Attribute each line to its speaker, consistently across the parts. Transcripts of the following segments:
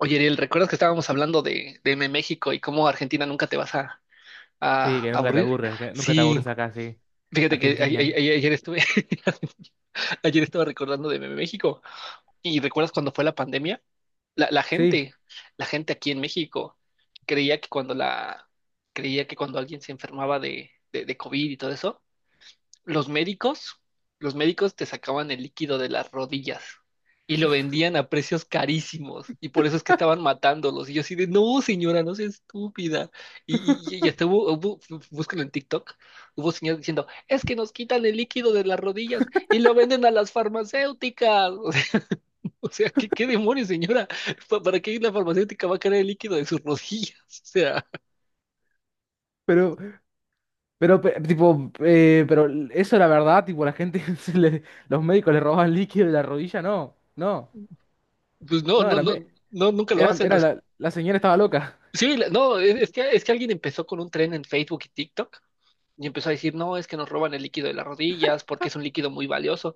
Speaker 1: Oye, Ariel, ¿recuerdas que estábamos hablando de M México y cómo Argentina nunca te vas a,
Speaker 2: Sí,
Speaker 1: a
Speaker 2: que nunca te
Speaker 1: aburrir?
Speaker 2: aburres, que nunca te
Speaker 1: Sí,
Speaker 2: aburres acá, sí.
Speaker 1: fíjate que
Speaker 2: Argentinian.
Speaker 1: ayer estaba recordando de M México. ¿Y recuerdas cuando fue la pandemia? La, la
Speaker 2: Sí,
Speaker 1: gente, la gente aquí en México creía que cuando la, creía que cuando alguien se enfermaba de COVID y todo eso, los médicos, los médicos te sacaban el líquido de las rodillas y lo vendían a precios carísimos y por eso es que estaban matándolos. Y yo así de, no, señora, no sea estúpida. Y, y hasta hubo, búscalo en TikTok, hubo señores diciendo, es que nos quitan el líquido de las rodillas y lo venden a las farmacéuticas. O sea, ¿qué demonios, señora? ¿Para qué la farmacéutica va a querer el líquido de sus rodillas? O sea,
Speaker 2: pero, pero, tipo, pero eso la verdad, tipo, la gente, los médicos le robaban líquido de la rodilla, no, no,
Speaker 1: pues no,
Speaker 2: no,
Speaker 1: no,
Speaker 2: era,
Speaker 1: no, no, nunca lo
Speaker 2: era,
Speaker 1: hacen.
Speaker 2: era la, la señora estaba loca,
Speaker 1: Sí, no, es que alguien empezó con un tren en Facebook y TikTok y empezó a decir, no, es que nos roban el líquido de las rodillas porque es un líquido muy valioso.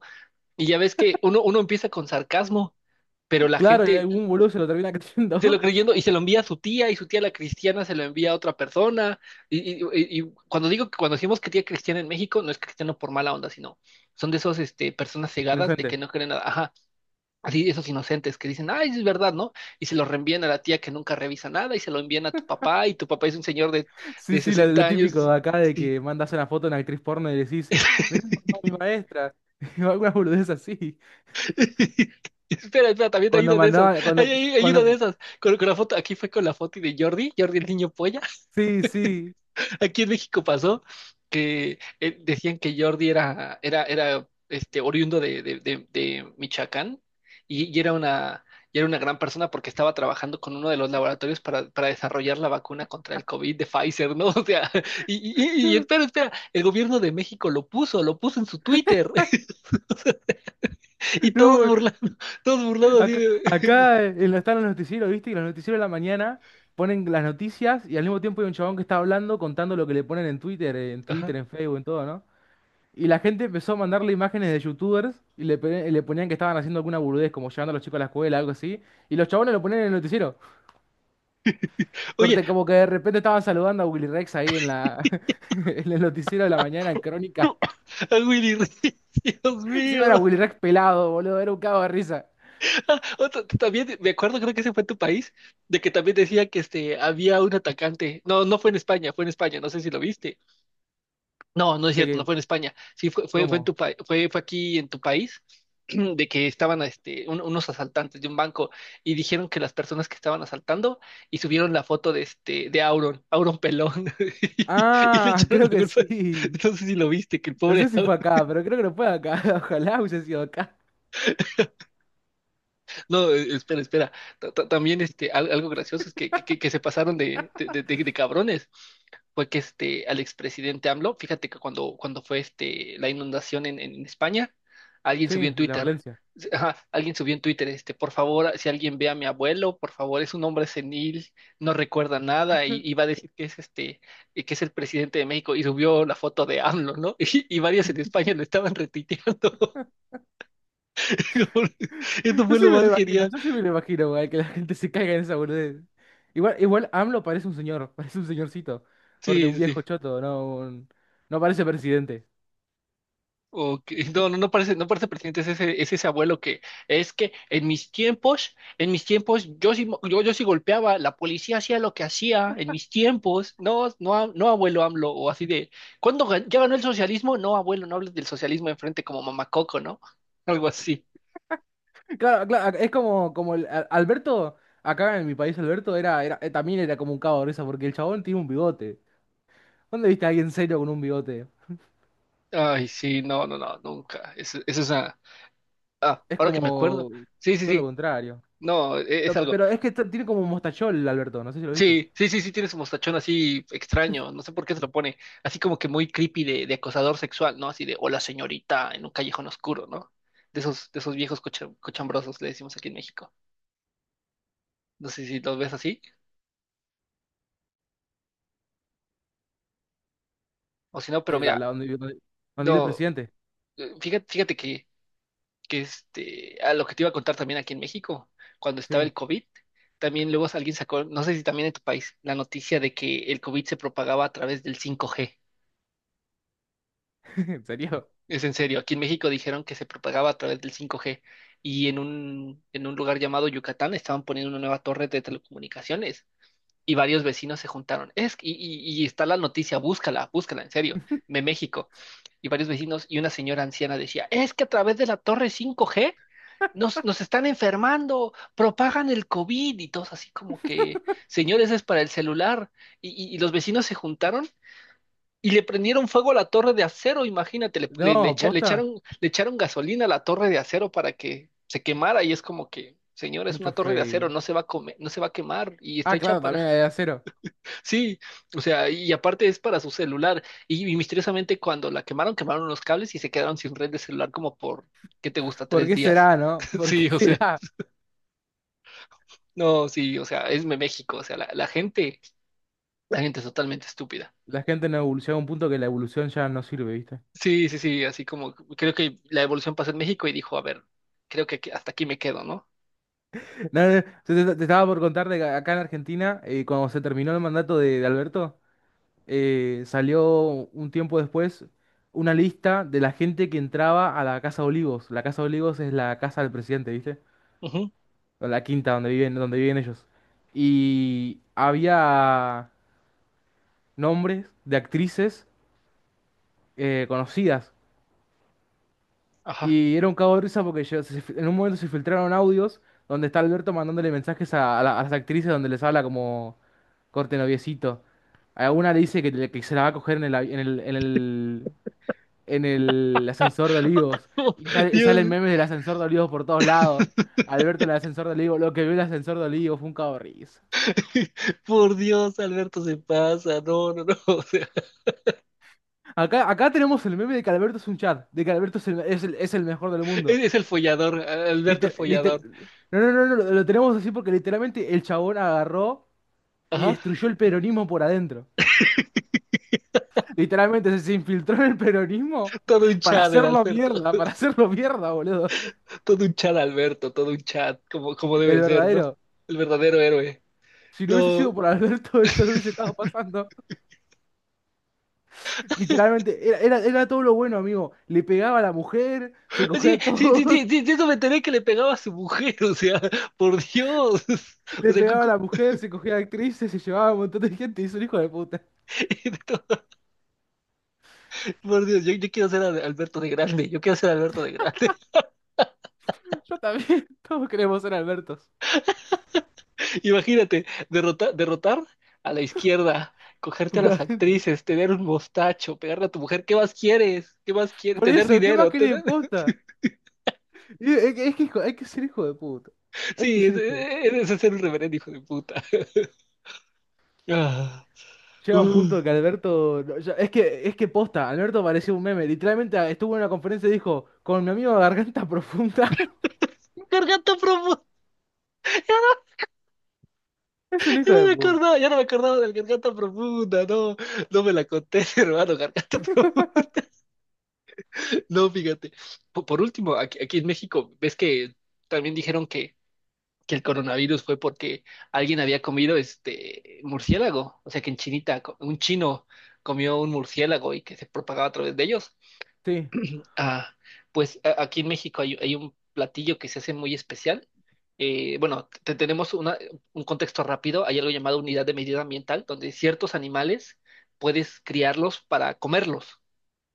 Speaker 1: Y ya ves que uno empieza con sarcasmo, pero la
Speaker 2: claro, y
Speaker 1: gente
Speaker 2: algún boludo se lo termina
Speaker 1: se lo
Speaker 2: creyendo.
Speaker 1: creyendo y se lo envía a su tía y su tía la cristiana se lo envía a otra persona. Y cuando digo que cuando decimos que tía cristiana en México, no es cristiano por mala onda, sino son de esas personas cegadas de
Speaker 2: Inocente.
Speaker 1: que no creen nada. Ajá. Así, esos inocentes que dicen, ay, es verdad, ¿no? Y se lo reenvían a la tía que nunca revisa nada y se lo envían a tu papá y tu papá es un señor
Speaker 2: Sí,
Speaker 1: de
Speaker 2: sí,
Speaker 1: 60
Speaker 2: lo típico
Speaker 1: años.
Speaker 2: de acá de
Speaker 1: Sí.
Speaker 2: que mandas una foto a una actriz porno y decís, mirá, mamá, mi maestra, o alguna boludez así,
Speaker 1: Espera, espera, también hay
Speaker 2: cuando
Speaker 1: una de esas.
Speaker 2: mandaba,
Speaker 1: Hay,
Speaker 2: cuando,
Speaker 1: hay- hay una de
Speaker 2: cuando,
Speaker 1: esas. Aquí fue con la foto de Jordi, Jordi el niño polla.
Speaker 2: sí, sí,
Speaker 1: Aquí en México pasó que decían que Jordi era oriundo de Michoacán y, y era una, y era una gran persona porque estaba trabajando con uno de los laboratorios para desarrollar la vacuna contra el COVID de Pfizer, ¿no? O sea, y, y espera, espera, el gobierno de México lo puso en su Twitter y
Speaker 2: no.
Speaker 1: todos burlando así
Speaker 2: Acá,
Speaker 1: de.
Speaker 2: acá, están los noticieros, ¿viste? Y los noticieros de la mañana ponen las noticias y al mismo tiempo hay un chabón que está hablando contando lo que le ponen en Twitter, en
Speaker 1: Ajá.
Speaker 2: Twitter, en Facebook, en todo, ¿no? Y la gente empezó a mandarle imágenes de youtubers y le, le ponían que estaban haciendo alguna burudez, como llevando a los chicos a la escuela, algo así. Y los chabones lo ponían en el noticiero.
Speaker 1: Oye,
Speaker 2: Corte, como que de repente estaban saludando a Willy Rex ahí en la, en el noticiero de la mañana, en Crónica.
Speaker 1: a Willy Dios
Speaker 2: Encima era
Speaker 1: mío.
Speaker 2: Willy Rex pelado, boludo, era un cago de risa.
Speaker 1: También me acuerdo, creo que ese fue en tu país, de que también decía que había un atacante. No, no fue en España, fue en España, no sé si lo viste. No, no es
Speaker 2: De
Speaker 1: cierto, no
Speaker 2: que,
Speaker 1: fue en España. Sí, fue en
Speaker 2: ¿cómo?
Speaker 1: tu pa- fue, fue aquí en tu país, de que estaban unos asaltantes de un banco y dijeron que las personas que estaban asaltando y subieron la foto de Auron, Auron Pelón, y le
Speaker 2: Ah,
Speaker 1: echaron la
Speaker 2: creo que
Speaker 1: culpa.
Speaker 2: sí.
Speaker 1: No sé si lo viste, que el
Speaker 2: No sé
Speaker 1: pobre.
Speaker 2: si fue acá, pero creo que no fue acá. Ojalá hubiese sido acá.
Speaker 1: No, espera, espera. También algo gracioso es que se pasaron de cabrones. Fue que al expresidente AMLO, fíjate que cuando fue la inundación en España, alguien subió
Speaker 2: Sí,
Speaker 1: en
Speaker 2: la
Speaker 1: Twitter.
Speaker 2: Valencia.
Speaker 1: Ajá, alguien subió en Twitter, por favor, si alguien ve a mi abuelo, por favor, es un hombre senil, no recuerda nada, y va a decir que que es el presidente de México, y subió la foto de AMLO, ¿no? Y varios en España lo estaban retuiteando. Esto
Speaker 2: Yo
Speaker 1: fue
Speaker 2: sí
Speaker 1: lo
Speaker 2: me lo
Speaker 1: más
Speaker 2: imagino,
Speaker 1: genial.
Speaker 2: yo sí me lo imagino, güey, que la gente se caiga en esa boludez. Igual, igual AMLO parece un señor, parece un señorcito. Corte,
Speaker 1: Sí,
Speaker 2: un
Speaker 1: sí, sí.
Speaker 2: viejo choto, no, un- no parece presidente.
Speaker 1: Ok. No, no, no parece presidente, es ese abuelo que es que en mis tiempos, yo sí golpeaba, la policía hacía lo que hacía, en mis tiempos, no, no, no abuelo AMLO, o así de, ¿cuándo ya ganó el socialismo? No, abuelo, no hables del socialismo enfrente como mamacoco, ¿no? Algo así.
Speaker 2: Claro, claro, es como, como el, Alberto, acá en mi país Alberto era, era, también era como un cabo de risa, porque el chabón tiene un bigote. ¿Dónde viste a alguien serio con un bigote?
Speaker 1: Ay, sí, no, no, no, nunca. Eso es una. Ah,
Speaker 2: Es
Speaker 1: ahora que me acuerdo.
Speaker 2: como
Speaker 1: Sí, sí,
Speaker 2: todo lo
Speaker 1: sí.
Speaker 2: contrario.
Speaker 1: No, es, algo.
Speaker 2: Pero es que tiene como un mostachol Alberto, no sé si lo viste.
Speaker 1: Sí, sí, sí, sí, tiene su mostachón así extraño, no sé por qué se lo pone, así como que muy creepy de acosador sexual, ¿no? Así de, hola señorita, en un callejón oscuro, ¿no? De esos viejos cochambrosos, le decimos aquí en México. No sé si los ves así, o si no, pero
Speaker 2: La,
Speaker 1: mira,
Speaker 2: la donde, donde, donde vive el
Speaker 1: no,
Speaker 2: presidente.
Speaker 1: fíjate, fíjate que a lo que te iba a contar también aquí en México, cuando estaba
Speaker 2: Sí,
Speaker 1: el COVID, también luego alguien sacó, no sé si también en tu país, la noticia de que el COVID se propagaba a través del 5G.
Speaker 2: ¿en serio?
Speaker 1: Es en serio, aquí en México dijeron que se propagaba a través del 5G y en un lugar llamado Yucatán estaban poniendo una nueva torre de telecomunicaciones y varios vecinos se juntaron. Y está la noticia, búscala, búscala, en serio, de México. Y varios vecinos y una señora anciana decía, es que a través de la torre 5G nos están enfermando, propagan el COVID y todos así como que, señores, es para el celular. y y los vecinos se juntaron y le prendieron fuego a la torre de acero, imagínate, le, le- le
Speaker 2: No,
Speaker 1: echa- le
Speaker 2: posta.
Speaker 1: echaron, le echaron gasolina a la torre de acero para que se quemara y es como que, señor, es
Speaker 2: Mucho
Speaker 1: una torre de acero,
Speaker 2: Facebook.
Speaker 1: no se va a comer, no se va a quemar y está
Speaker 2: Ah,
Speaker 1: hecha
Speaker 2: claro,
Speaker 1: para.
Speaker 2: también la de acero.
Speaker 1: Sí, o sea, y aparte es para su celular y misteriosamente cuando la quemaron, quemaron los cables y se quedaron sin red de celular como por, ¿qué te gusta?
Speaker 2: ¿Por
Speaker 1: Tres
Speaker 2: qué
Speaker 1: días.
Speaker 2: será, no? ¿Por qué
Speaker 1: Sí, o sea,
Speaker 2: será?
Speaker 1: no, sí, o sea, es México, o sea, la gente es totalmente estúpida.
Speaker 2: La gente no evoluciona a un punto que la evolución ya no sirve, ¿viste?
Speaker 1: Sí, sí, sí, así como creo que la evolución pasó en México y dijo, a ver, creo que hasta aquí me quedo, ¿no?
Speaker 2: No, no, te, te estaba por contar de que acá en Argentina, cuando se terminó el mandato de Alberto, salió un tiempo después una lista de la gente que entraba a la Casa Olivos. La Casa Olivos es la casa del presidente, ¿viste?
Speaker 1: Ujú,
Speaker 2: O la quinta donde viven ellos. Y había nombres de actrices conocidas.
Speaker 1: ajá.
Speaker 2: Y era un cago de risa porque en un momento se filtraron audios donde está Alberto mandándole mensajes a, a las actrices donde les habla como corte noviecito. A una le dice que, que se la va a coger en el, en el, en el, en el ascensor de Olivos. Y sale, y salen
Speaker 1: Dios.
Speaker 2: memes del ascensor de Olivos por todos lados. Alberto en el ascensor de Olivos, lo que vio el ascensor de Olivos fue un cago de risa.
Speaker 1: Por Dios, Alberto se pasa, no, no, no, o sea,
Speaker 2: Acá, acá tenemos el meme de que Alberto es un chat, de que Alberto es el, es el mejor del
Speaker 1: es,
Speaker 2: mundo.
Speaker 1: es el follador, Alberto el
Speaker 2: Liter- liter-
Speaker 1: follador,
Speaker 2: no, no, no, no, lo tenemos así porque literalmente el chabón agarró y
Speaker 1: ajá,
Speaker 2: destruyó el peronismo por adentro. Literalmente se, se infiltró en el peronismo
Speaker 1: todo un chat el Alberto,
Speaker 2: para hacerlo mierda, boludo.
Speaker 1: todo un chat Alberto, todo un chat, como
Speaker 2: El
Speaker 1: debe ser, ¿no?
Speaker 2: verdadero.
Speaker 1: El verdadero héroe.
Speaker 2: Si no hubiese sido
Speaker 1: No,
Speaker 2: por Alberto, esto no hubiese estado pasando. Literalmente, era, era, era todo lo bueno, amigo. Le pegaba a la mujer, se cogía
Speaker 1: sí,
Speaker 2: a
Speaker 1: sí, sí,
Speaker 2: todos,
Speaker 1: sí, sí, de eso me enteré que le pegaba a su mujer, o sea, por Dios, o
Speaker 2: le
Speaker 1: sea,
Speaker 2: pegaba a la mujer, se cogía a actrices, se llevaba a un montón de gente y es un hijo de puta.
Speaker 1: Por Dios, yo quiero ser Alberto de grande, yo quiero ser Alberto de grande.
Speaker 2: Yo también. Todos queremos ser Albertos.
Speaker 1: Imagínate, derrotar a la izquierda, cogerte a
Speaker 2: Por
Speaker 1: las
Speaker 2: adentro.
Speaker 1: actrices, tener un mostacho, pegarle a tu mujer, ¿qué más quieres? ¿Qué más quieres?
Speaker 2: Por
Speaker 1: Tener
Speaker 2: eso, ¿qué más
Speaker 1: dinero,
Speaker 2: querés,
Speaker 1: tener.
Speaker 2: posta? Y es que, es que hay que ser hijo de puta. Hay que
Speaker 1: Sí,
Speaker 2: ser hijo de...
Speaker 1: ese es ser un reverendo hijo de puta. Ah,
Speaker 2: Llega un punto
Speaker 1: uh.
Speaker 2: que Alberto... no, es que posta, Alberto parecía un meme. Literalmente ah, estuvo en una conferencia y dijo, con mi amigo Garganta Profunda.
Speaker 1: Garganta profunda.
Speaker 2: Es un
Speaker 1: ya
Speaker 2: hijo
Speaker 1: no
Speaker 2: de
Speaker 1: me
Speaker 2: puta.
Speaker 1: acordaba, ya no me acordaba del garganta profunda, no, no me la conté, hermano, garganta profunda. No, fíjate. Por último, aquí en México, ves que también dijeron que el coronavirus fue porque alguien había comido este murciélago, o sea que en Chinita un chino comió un murciélago y que se propagaba a través de ellos.
Speaker 2: Sí,
Speaker 1: Ah, pues aquí en México hay un platillo que se hace muy especial. Bueno, tenemos un contexto rápido. Hay algo llamado unidad de medida ambiental, donde ciertos animales puedes criarlos para comerlos.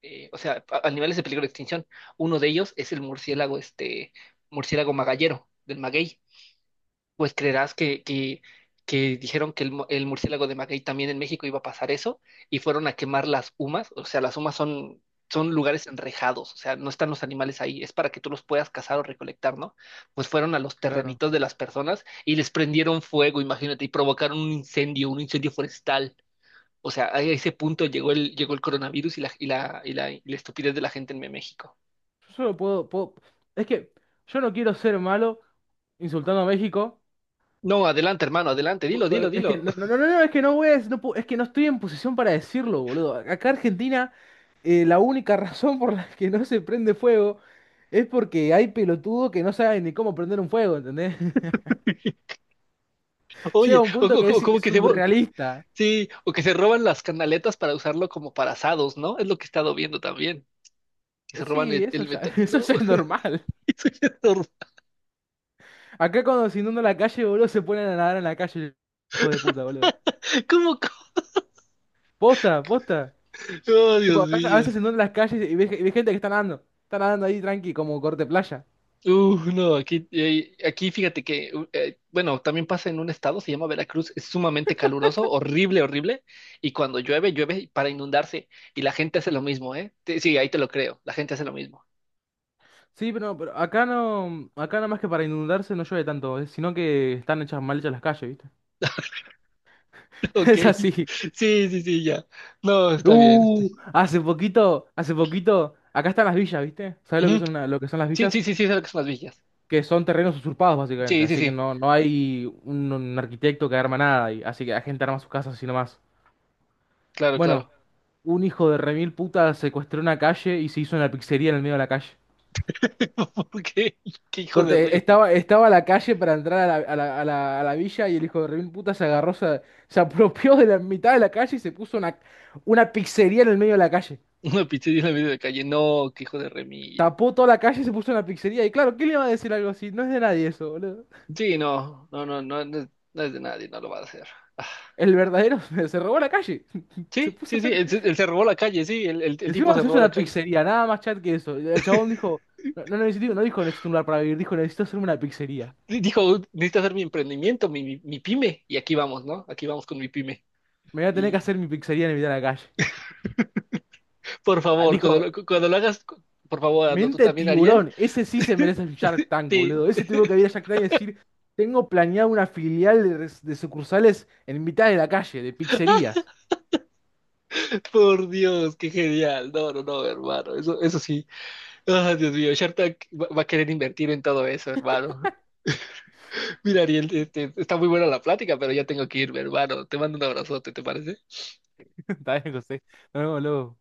Speaker 1: O sea, animales de peligro de extinción. Uno de ellos es el murciélago, este murciélago magallero del maguey pues creerás que, que dijeron que el murciélago de Maguey también en México iba a pasar eso y fueron a quemar las humas. O sea, las humas son, lugares enrejados, o sea, no están los animales ahí, es para que tú los puedas cazar o recolectar, ¿no? Pues fueron a los
Speaker 2: claro.
Speaker 1: terrenitos de las personas y les prendieron fuego, imagínate, y provocaron un incendio forestal. O sea, a ese punto llegó el coronavirus y la estupidez de la gente en México.
Speaker 2: Yo solo puedo, puedo- es que yo no quiero ser malo insultando a México.
Speaker 1: No, adelante, hermano, adelante, dilo, dilo,
Speaker 2: Pero es que
Speaker 1: dilo.
Speaker 2: no, no, no, no, es que no voy a, no puedo- es que no estoy en posición para decirlo, boludo. Acá Argentina la única razón por la que no se prende fuego es porque hay pelotudos que no saben ni cómo prender un fuego, ¿entendés? Llega
Speaker 1: Oye,
Speaker 2: un punto que
Speaker 1: ¿cómo
Speaker 2: es
Speaker 1: que se?
Speaker 2: surrealista.
Speaker 1: Sí, o que se roban las canaletas para usarlo como para asados, ¿no? Es lo que he estado viendo también. Que se roban
Speaker 2: Sí, eso
Speaker 1: el
Speaker 2: ya,
Speaker 1: metal.
Speaker 2: eso
Speaker 1: No,
Speaker 2: ya es normal.
Speaker 1: eso ya es
Speaker 2: Acá cuando se inunda la calle, boludo, se ponen a nadar en la calle, hijo de puta, boludo.
Speaker 1: ¿cómo?
Speaker 2: Posta, posta.
Speaker 1: Oh,
Speaker 2: Tipo,
Speaker 1: Dios
Speaker 2: acá a
Speaker 1: mío.
Speaker 2: veces se inundan las calles y ves gente que está nadando. Está nadando ahí tranqui, como corte playa.
Speaker 1: No, aquí, aquí fíjate que bueno, también pasa en un estado, se llama Veracruz, es sumamente caluroso, horrible, horrible, y cuando llueve, llueve para inundarse, y la gente hace lo mismo, ¿eh? Sí, ahí te lo creo, la gente hace lo mismo.
Speaker 2: Sí, pero, no, pero acá no, acá nada más que para inundarse no llueve tanto, sino que están hechas mal hechas las calles, ¿viste?
Speaker 1: Ok,
Speaker 2: Es así.
Speaker 1: sí, sí, sí, ya. No, está bien.
Speaker 2: Hace poquito, acá están las villas, ¿viste? ¿Sabes lo que
Speaker 1: Ujú.
Speaker 2: son lo que son las
Speaker 1: Sí, sí,
Speaker 2: villas?
Speaker 1: sí, sí, es algo que son las villas.
Speaker 2: Que son terrenos usurpados, básicamente.
Speaker 1: Sí, sí,
Speaker 2: Así que
Speaker 1: sí,
Speaker 2: no, no hay un arquitecto que arma nada, y, así que la gente arma sus casas así nomás.
Speaker 1: claro,
Speaker 2: Bueno,
Speaker 1: claro.
Speaker 2: un hijo de remil puta secuestró una calle y se hizo una pizzería en el medio de la calle.
Speaker 1: ¿Qué, qué hijo de
Speaker 2: Corte,
Speaker 1: Remy?
Speaker 2: estaba, estaba la calle para entrar a la, a la villa y el hijo de remil puta se agarró, se apropió de la mitad de la calle y se puso una pizzería en el medio de la calle.
Speaker 1: Una pizzería en la medio de calle. No, qué hijo de Remy.
Speaker 2: Tapó toda la calle y se puso en la pizzería. Y claro, ¿quién le va a decir algo así? No es de nadie eso, boludo.
Speaker 1: Sí, no, no, no, no, no es de nadie, no lo va a hacer. Ah.
Speaker 2: El verdadero se, robó la calle. Se
Speaker 1: Sí,
Speaker 2: puso a
Speaker 1: sí, sí,
Speaker 2: hacer.
Speaker 1: él se robó la calle, sí, el tipo
Speaker 2: Encima
Speaker 1: se
Speaker 2: se hizo
Speaker 1: robó la
Speaker 2: una
Speaker 1: calle.
Speaker 2: pizzería, nada más chat que eso. El chabón dijo: no, no necesito, no dijo necesito un lugar para vivir, dijo necesito hacerme una pizzería.
Speaker 1: Y dijo, necesito hacer mi emprendimiento, mi pyme, y aquí vamos, ¿no? Aquí vamos con mi pyme.
Speaker 2: Me voy a tener que
Speaker 1: Y
Speaker 2: hacer mi pizzería en el medio de la calle.
Speaker 1: por
Speaker 2: Ah,
Speaker 1: favor,
Speaker 2: dijo:
Speaker 1: cuando lo hagas, por favor, hazlo tú
Speaker 2: mente de
Speaker 1: también, Ariel.
Speaker 2: tiburón, ese sí se merece el Shark Tank,
Speaker 1: Sí.
Speaker 2: boludo. Ese tuvo que ir a Shark Tank y decir: tengo planeado una filial de, de sucursales en mitad de la calle, de pizzerías.
Speaker 1: Por Dios, qué genial. No, no, no, hermano, eso sí. Ah, Dios mío, Shark Tank va a querer invertir en todo eso, hermano. Mira, Ariel, está muy buena la plática, pero ya tengo que irme, hermano. Te mando un abrazote, ¿te parece?
Speaker 2: Está bien, José. Nos vemos luego.